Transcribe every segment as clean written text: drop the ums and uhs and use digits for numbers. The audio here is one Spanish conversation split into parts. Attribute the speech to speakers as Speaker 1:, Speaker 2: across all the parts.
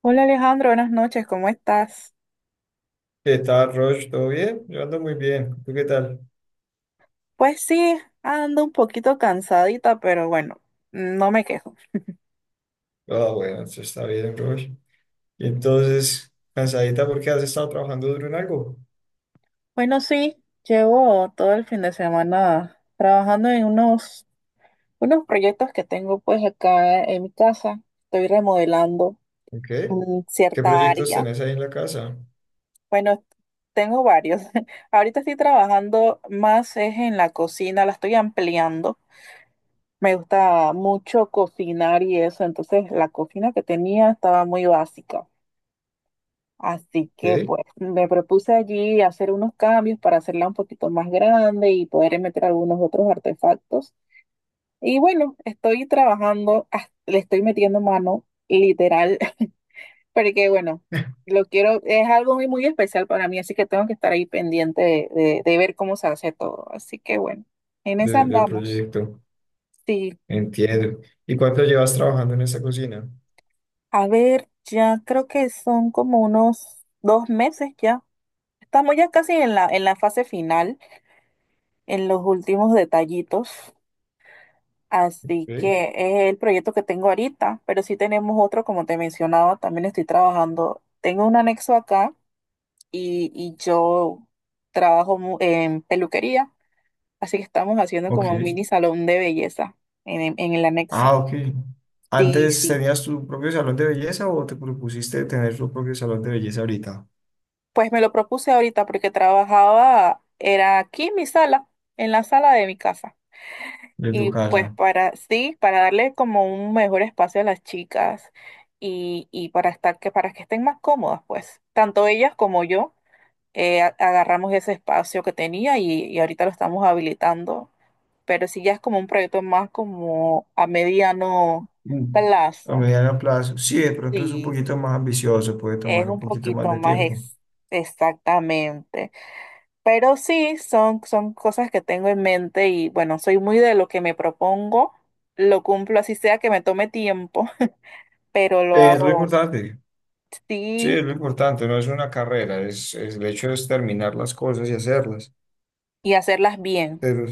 Speaker 1: Hola Alejandro, buenas noches, ¿cómo estás?
Speaker 2: ¿Qué tal, Roche? ¿Todo bien? Yo ando muy bien. ¿Tú qué tal?
Speaker 1: Pues sí, ando un poquito cansadita, pero bueno, no me quejo.
Speaker 2: Ah, bueno, eso está bien, Roche. Y entonces, cansadita porque has estado trabajando duro en algo.
Speaker 1: Bueno, sí, llevo todo el fin de semana trabajando en unos proyectos que tengo pues acá en mi casa. Estoy remodelando
Speaker 2: ¿Ok? ¿Qué
Speaker 1: cierta
Speaker 2: proyectos
Speaker 1: área.
Speaker 2: tenés ahí en la casa?
Speaker 1: Bueno, tengo varios. Ahorita estoy trabajando más es en la cocina, la estoy ampliando. Me gusta mucho cocinar y eso, entonces la cocina que tenía estaba muy básica. Así que
Speaker 2: ¿Ok?
Speaker 1: pues me propuse allí hacer unos cambios para hacerla un poquito más grande y poder meter algunos otros artefactos. Y bueno, estoy trabajando, le estoy metiendo mano literal, porque bueno, lo quiero, es algo muy, muy especial para mí, así que tengo que estar ahí pendiente de ver cómo se hace todo. Así que bueno, en esa
Speaker 2: Del
Speaker 1: andamos.
Speaker 2: proyecto.
Speaker 1: Sí,
Speaker 2: Entiendo. ¿Y cuánto llevas trabajando en esta cocina?
Speaker 1: a ver, ya creo que son como unos dos meses ya. Estamos ya casi en la fase final. En los últimos detallitos. Así
Speaker 2: ¿Ok?
Speaker 1: que es el proyecto que tengo ahorita, pero sí tenemos otro, como te mencionaba, también estoy trabajando. Tengo un anexo acá y yo en peluquería, así que estamos haciendo
Speaker 2: Ok.
Speaker 1: como un mini salón de belleza en el anexo.
Speaker 2: Ah, ok.
Speaker 1: Sí,
Speaker 2: ¿Antes
Speaker 1: sí.
Speaker 2: tenías tu propio salón de belleza o te propusiste tener tu propio salón de belleza ahorita?
Speaker 1: Pues me lo propuse ahorita porque trabajaba, era aquí en mi sala, en la sala de mi casa.
Speaker 2: De tu
Speaker 1: Y
Speaker 2: casa.
Speaker 1: pues para, sí, para darle como un mejor espacio a las chicas y para estar que, para que estén más cómodas, pues, tanto ellas como yo, agarramos ese espacio que tenía y ahorita lo estamos habilitando. Pero sí ya es como un proyecto más como a mediano
Speaker 2: Mm. A
Speaker 1: plazo.
Speaker 2: mediano plazo. Sí, de pronto es un
Speaker 1: Sí,
Speaker 2: poquito más ambicioso, puede
Speaker 1: es
Speaker 2: tomar un
Speaker 1: un
Speaker 2: poquito más
Speaker 1: poquito
Speaker 2: de
Speaker 1: más
Speaker 2: tiempo.
Speaker 1: exactamente. Pero sí, son, son cosas que tengo en mente y bueno, soy muy de lo que me propongo, lo cumplo así sea que me tome tiempo, pero lo
Speaker 2: Es lo
Speaker 1: hago
Speaker 2: importante. Sí,
Speaker 1: sí
Speaker 2: es lo importante, no es una carrera, es el hecho es terminar las cosas y hacerlas.
Speaker 1: y hacerlas bien.
Speaker 2: Pero,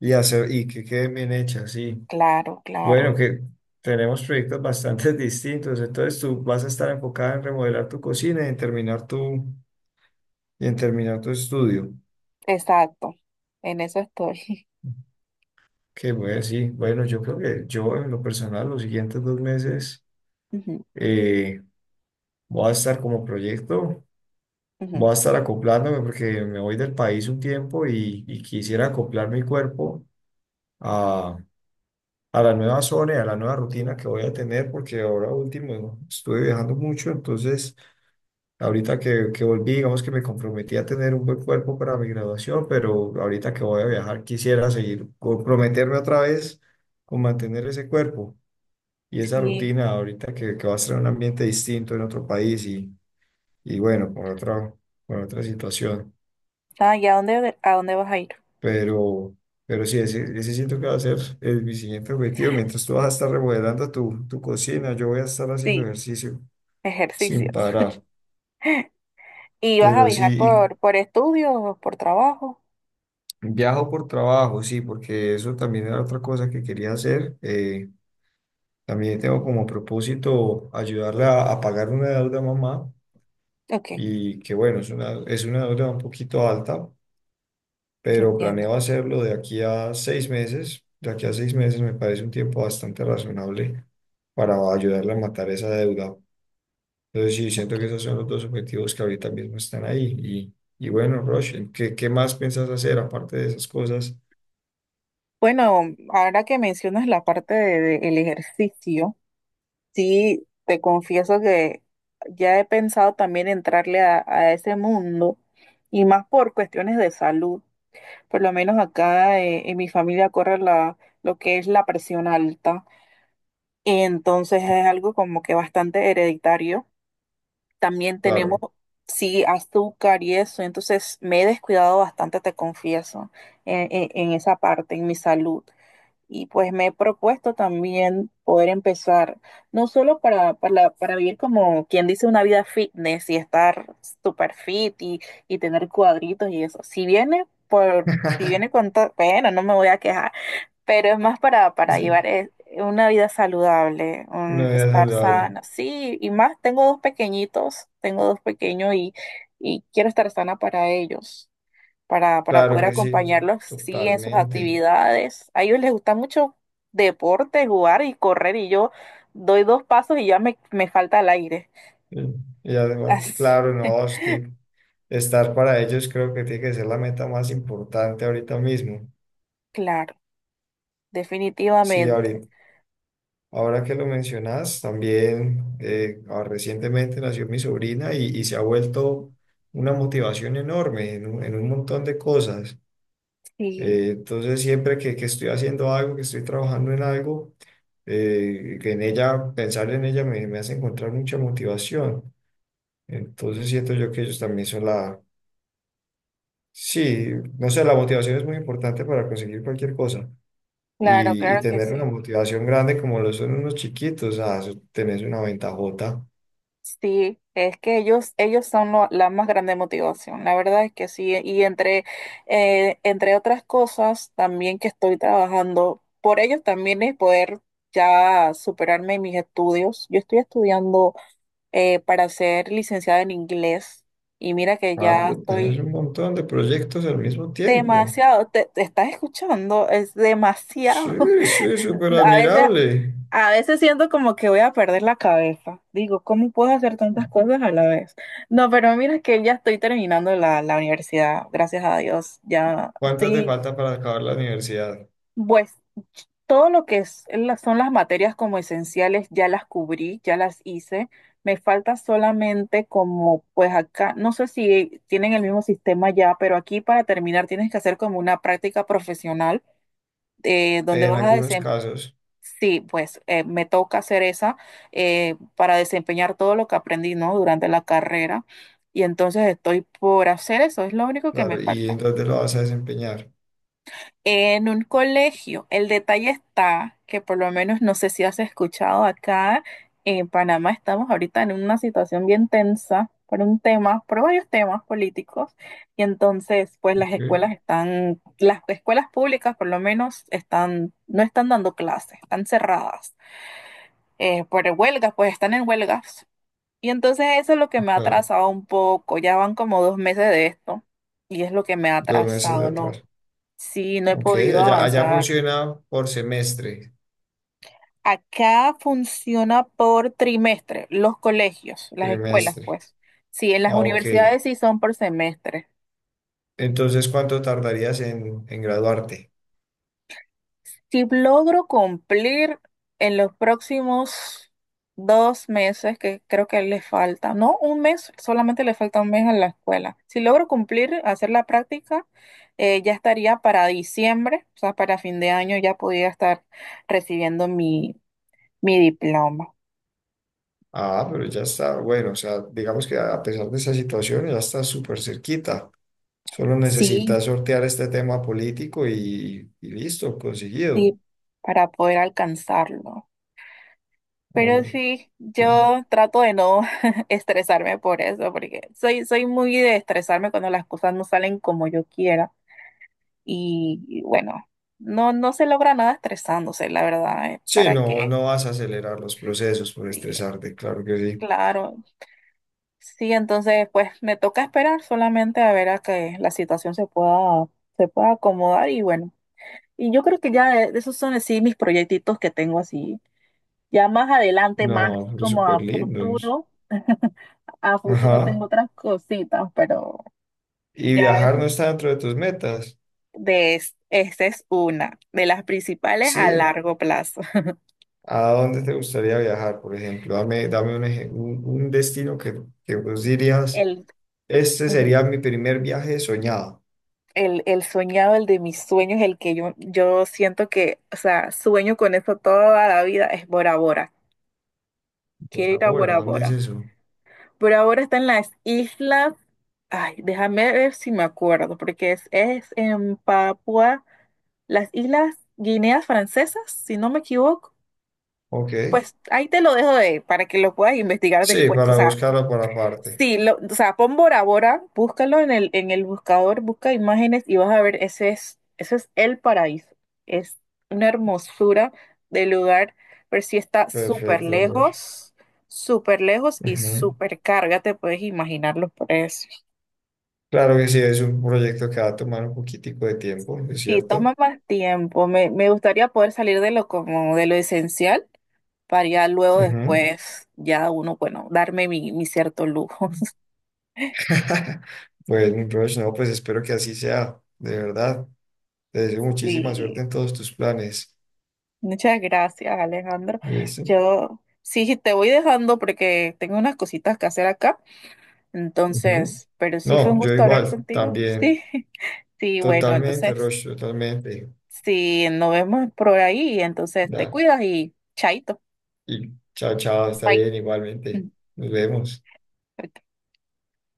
Speaker 2: y hacer, y que queden bien hechas, sí.
Speaker 1: Claro, claro,
Speaker 2: Bueno, que tenemos proyectos bastante distintos. Entonces tú vas a estar enfocada en remodelar tu cocina y en terminar tu estudio.
Speaker 1: exacto, en eso estoy.
Speaker 2: Que bueno, sí. Bueno, yo creo que yo en lo personal, los siguientes 2 meses.
Speaker 1: Ujú,
Speaker 2: eh, Voy a estar como proyecto,
Speaker 1: ujú.
Speaker 2: voy a estar acoplándome porque me voy del país un tiempo y quisiera acoplar mi cuerpo a, a la nueva zona y a la nueva rutina que voy a tener porque ahora último estuve viajando mucho, entonces ahorita que volví, digamos que me comprometí a tener un buen cuerpo para mi graduación, pero ahorita que voy a viajar quisiera seguir comprometerme otra vez con mantener ese cuerpo. Y esa
Speaker 1: Sí,
Speaker 2: rutina ahorita que va a estar en un ambiente distinto en otro país y bueno, con otra situación.
Speaker 1: ah, ¿y a dónde vas a ir?
Speaker 2: Pero, pero sí, ese siento que va a ser mi siguiente objetivo. Mientras tú vas a estar remodelando tu cocina, yo voy a estar haciendo
Speaker 1: Sí,
Speaker 2: ejercicio sin
Speaker 1: ejercicios.
Speaker 2: parar.
Speaker 1: ¿Y vas a
Speaker 2: Pero
Speaker 1: viajar
Speaker 2: sí,
Speaker 1: por estudios o por trabajo?
Speaker 2: y viajo por trabajo, sí, porque eso también era otra cosa que quería hacer. También tengo como propósito ayudarle a pagar una deuda a mamá.
Speaker 1: Ok,
Speaker 2: Y que bueno, es una deuda un poquito alta, pero planeo
Speaker 1: entiendo.
Speaker 2: hacerlo de aquí a 6 meses. De aquí a seis meses me parece un tiempo bastante razonable para ayudarle a matar esa deuda. Entonces sí,
Speaker 1: Ok.
Speaker 2: siento que esos son los dos objetivos que ahorita mismo están ahí. Y bueno, Rosh, ¿qué más piensas hacer aparte de esas cosas?
Speaker 1: Bueno, ahora que mencionas la parte de el ejercicio. Sí, te confieso que ya he pensado también entrarle a ese mundo y más por cuestiones de salud. Por lo menos acá en mi familia corre lo que es la presión alta. Entonces es algo como que bastante hereditario. También tenemos,
Speaker 2: Claro.
Speaker 1: sí, azúcar y eso. Entonces me he descuidado bastante, te confieso, en, en esa parte, en mi salud. Y pues me he propuesto también poder empezar, no solo para vivir como quien dice una vida fitness y estar super fit y tener cuadritos y eso. Si viene por, si viene con todo, bueno, no me voy a quejar, pero es más para
Speaker 2: Sí,
Speaker 1: llevar una vida saludable,
Speaker 2: una vida
Speaker 1: estar
Speaker 2: saludable.
Speaker 1: sana. Sí, y más, tengo dos pequeñitos, tengo dos pequeños y quiero estar sana para ellos para
Speaker 2: Claro
Speaker 1: poder
Speaker 2: que sí,
Speaker 1: acompañarlos, sí, en sus
Speaker 2: totalmente.
Speaker 1: actividades. A ellos les gusta mucho deporte, jugar y correr, y yo doy dos pasos y ya me falta el aire.
Speaker 2: Sí. Y además,
Speaker 1: Así,
Speaker 2: claro, no, estar para ellos creo que tiene que ser la meta más importante ahorita mismo.
Speaker 1: claro,
Speaker 2: Sí,
Speaker 1: definitivamente.
Speaker 2: ahorita. Ahora que lo mencionas, también recientemente nació mi sobrina y se ha vuelto una motivación enorme en un montón de cosas.
Speaker 1: Sí,
Speaker 2: Entonces, siempre que estoy haciendo algo, que estoy trabajando en algo, que en ella, pensar en ella me hace encontrar mucha motivación. Entonces, siento yo que ellos también son la, sí, no sé, la motivación es muy importante para conseguir cualquier cosa.
Speaker 1: claro,
Speaker 2: Y
Speaker 1: claro que
Speaker 2: tener una
Speaker 1: sí.
Speaker 2: motivación grande como lo son unos chiquitos, ah, eso tenés una ventajota.
Speaker 1: Sí, es que ellos son la más grande motivación, la verdad es que sí. Y entre, entre otras cosas, también que estoy trabajando por ellos también es poder ya superarme en mis estudios. Yo estoy estudiando para ser licenciada en inglés. Y mira que
Speaker 2: Ah,
Speaker 1: ya
Speaker 2: pero tenés
Speaker 1: estoy
Speaker 2: un montón de
Speaker 1: sí,
Speaker 2: proyectos al mismo tiempo.
Speaker 1: demasiado, te estás escuchando, es demasiado.
Speaker 2: Sí, sí, súper
Speaker 1: A veces,
Speaker 2: admirable.
Speaker 1: a veces siento como que voy a perder la cabeza. Digo, ¿cómo puedo hacer tantas cosas a la vez? No, pero mira que ya estoy terminando la universidad, gracias a Dios. Ya
Speaker 2: ¿Cuántas te
Speaker 1: estoy
Speaker 2: falta para acabar la universidad?
Speaker 1: pues todo lo que son las materias como esenciales ya las cubrí, ya las hice. Me falta solamente como, pues acá, no sé si tienen el mismo sistema ya, pero aquí para terminar tienes que hacer como una práctica profesional donde
Speaker 2: En
Speaker 1: vas a
Speaker 2: algunos
Speaker 1: desempeñar.
Speaker 2: casos,
Speaker 1: Sí, pues me toca hacer esa para desempeñar todo lo que aprendí, ¿no? Durante la carrera. Y entonces estoy por hacer eso, es lo único que me
Speaker 2: claro. ¿Y en
Speaker 1: falta.
Speaker 2: dónde lo vas a desempeñar?
Speaker 1: En un colegio, el detalle está que por lo menos no sé si has escuchado acá en Panamá estamos ahorita en una situación bien tensa por un tema, por varios temas políticos y entonces pues las
Speaker 2: Sí,
Speaker 1: escuelas están, las escuelas públicas por lo menos están, no están dando clases, están cerradas por huelgas, pues están en huelgas y entonces eso es lo que me ha
Speaker 2: claro.
Speaker 1: atrasado un poco, ya van como dos meses de esto y es lo que me ha
Speaker 2: 2 meses de
Speaker 1: atrasado, ¿no?
Speaker 2: atrás.
Speaker 1: Sí, no he
Speaker 2: Ok,
Speaker 1: podido
Speaker 2: allá, allá
Speaker 1: avanzar.
Speaker 2: funciona por semestre,
Speaker 1: Acá funciona por trimestre, los colegios, las escuelas,
Speaker 2: trimestre.
Speaker 1: pues. Sí, en las
Speaker 2: Ah, ok.
Speaker 1: universidades sí son por semestre.
Speaker 2: Entonces, ¿cuánto tardarías en, graduarte?
Speaker 1: Si logro cumplir en los próximos dos meses, que creo que le falta, no un mes, solamente le falta un mes a la escuela. Si logro cumplir, hacer la práctica, ya estaría para diciembre, o sea, para fin de año ya podría estar recibiendo mi diploma.
Speaker 2: Ah, pero ya está, bueno, o sea, digamos que a pesar de esa situación, ya está súper cerquita. Solo
Speaker 1: Sí,
Speaker 2: necesitas sortear este tema político y listo, conseguido.
Speaker 1: sí, para poder alcanzarlo. Pero
Speaker 2: Hombre,
Speaker 1: sí,
Speaker 2: pero-
Speaker 1: yo trato de no estresarme por eso, porque soy, soy muy de estresarme cuando las cosas no salen como yo quiera. Y bueno, no, no se logra nada estresándose, la verdad, ¿eh?
Speaker 2: sí,
Speaker 1: ¿Para
Speaker 2: no,
Speaker 1: qué?
Speaker 2: no vas a acelerar los procesos por
Speaker 1: Sí,
Speaker 2: estresarte, claro que sí.
Speaker 1: claro. Sí, entonces pues me toca esperar solamente a ver a que la situación se pueda acomodar y bueno. Y yo creo que ya esos son así mis proyectitos que tengo así. Ya más adelante, más así
Speaker 2: No, es
Speaker 1: como a
Speaker 2: súper lindos.
Speaker 1: futuro, a futuro
Speaker 2: Ajá.
Speaker 1: tengo otras cositas, pero
Speaker 2: ¿Y
Speaker 1: ya
Speaker 2: viajar
Speaker 1: eso
Speaker 2: no está dentro de tus metas?
Speaker 1: de esta es una de las principales a
Speaker 2: Sí.
Speaker 1: largo plazo.
Speaker 2: ¿A dónde te gustaría viajar, por ejemplo? Dame, dame un destino que vos dirías,
Speaker 1: El,
Speaker 2: este
Speaker 1: ujú,
Speaker 2: sería mi primer viaje soñado.
Speaker 1: el soñado, el de mis sueños, el que yo siento que, o sea, sueño con eso toda la vida, es Bora Bora. Quiero
Speaker 2: Por
Speaker 1: ir a
Speaker 2: ahora,
Speaker 1: Bora
Speaker 2: ¿dónde
Speaker 1: Bora.
Speaker 2: es eso?
Speaker 1: Por ahora está en las islas. Ay, déjame ver si me acuerdo, porque es en Papua, las islas Guineas Francesas, si no me equivoco.
Speaker 2: Ok.
Speaker 1: Pues ahí te lo dejo de, para que lo puedas investigar
Speaker 2: Sí,
Speaker 1: después. O
Speaker 2: para
Speaker 1: sea,
Speaker 2: buscarlo por aparte.
Speaker 1: sí, o sea, pon Bora Bora, búscalo en el buscador, busca imágenes y vas a ver, ese es el paraíso. Es una hermosura de lugar, pero sí está
Speaker 2: Perfecto, Roger.
Speaker 1: súper lejos y
Speaker 2: Ujú.
Speaker 1: súper carga, te puedes imaginar los precios.
Speaker 2: Claro que sí, es un proyecto que va a tomar un poquitico de tiempo, es
Speaker 1: Sí,
Speaker 2: cierto.
Speaker 1: toma más tiempo. Me gustaría poder salir de lo como de lo esencial para ya luego
Speaker 2: Ujú.
Speaker 1: después, ya uno, bueno, darme mi cierto lujo.
Speaker 2: Pues, mi Roger, no, pues espero que así sea, de verdad. Te deseo muchísima suerte
Speaker 1: Sí.
Speaker 2: en todos tus planes.
Speaker 1: Muchas gracias, Alejandro.
Speaker 2: ¿Listo?
Speaker 1: Yo sí te voy dejando porque tengo unas cositas que hacer acá.
Speaker 2: Ujú.
Speaker 1: Entonces, pero sí fue un
Speaker 2: No, yo
Speaker 1: gusto hablar
Speaker 2: igual,
Speaker 1: contigo.
Speaker 2: también.
Speaker 1: Sí, sí, bueno,
Speaker 2: Totalmente,
Speaker 1: entonces,
Speaker 2: Roger, totalmente.
Speaker 1: si nos vemos por ahí. Entonces, te
Speaker 2: Dale.
Speaker 1: cuidas y chaito.
Speaker 2: Y chao, chao, está
Speaker 1: Bye.
Speaker 2: bien, igualmente. Nos vemos.
Speaker 1: Ok.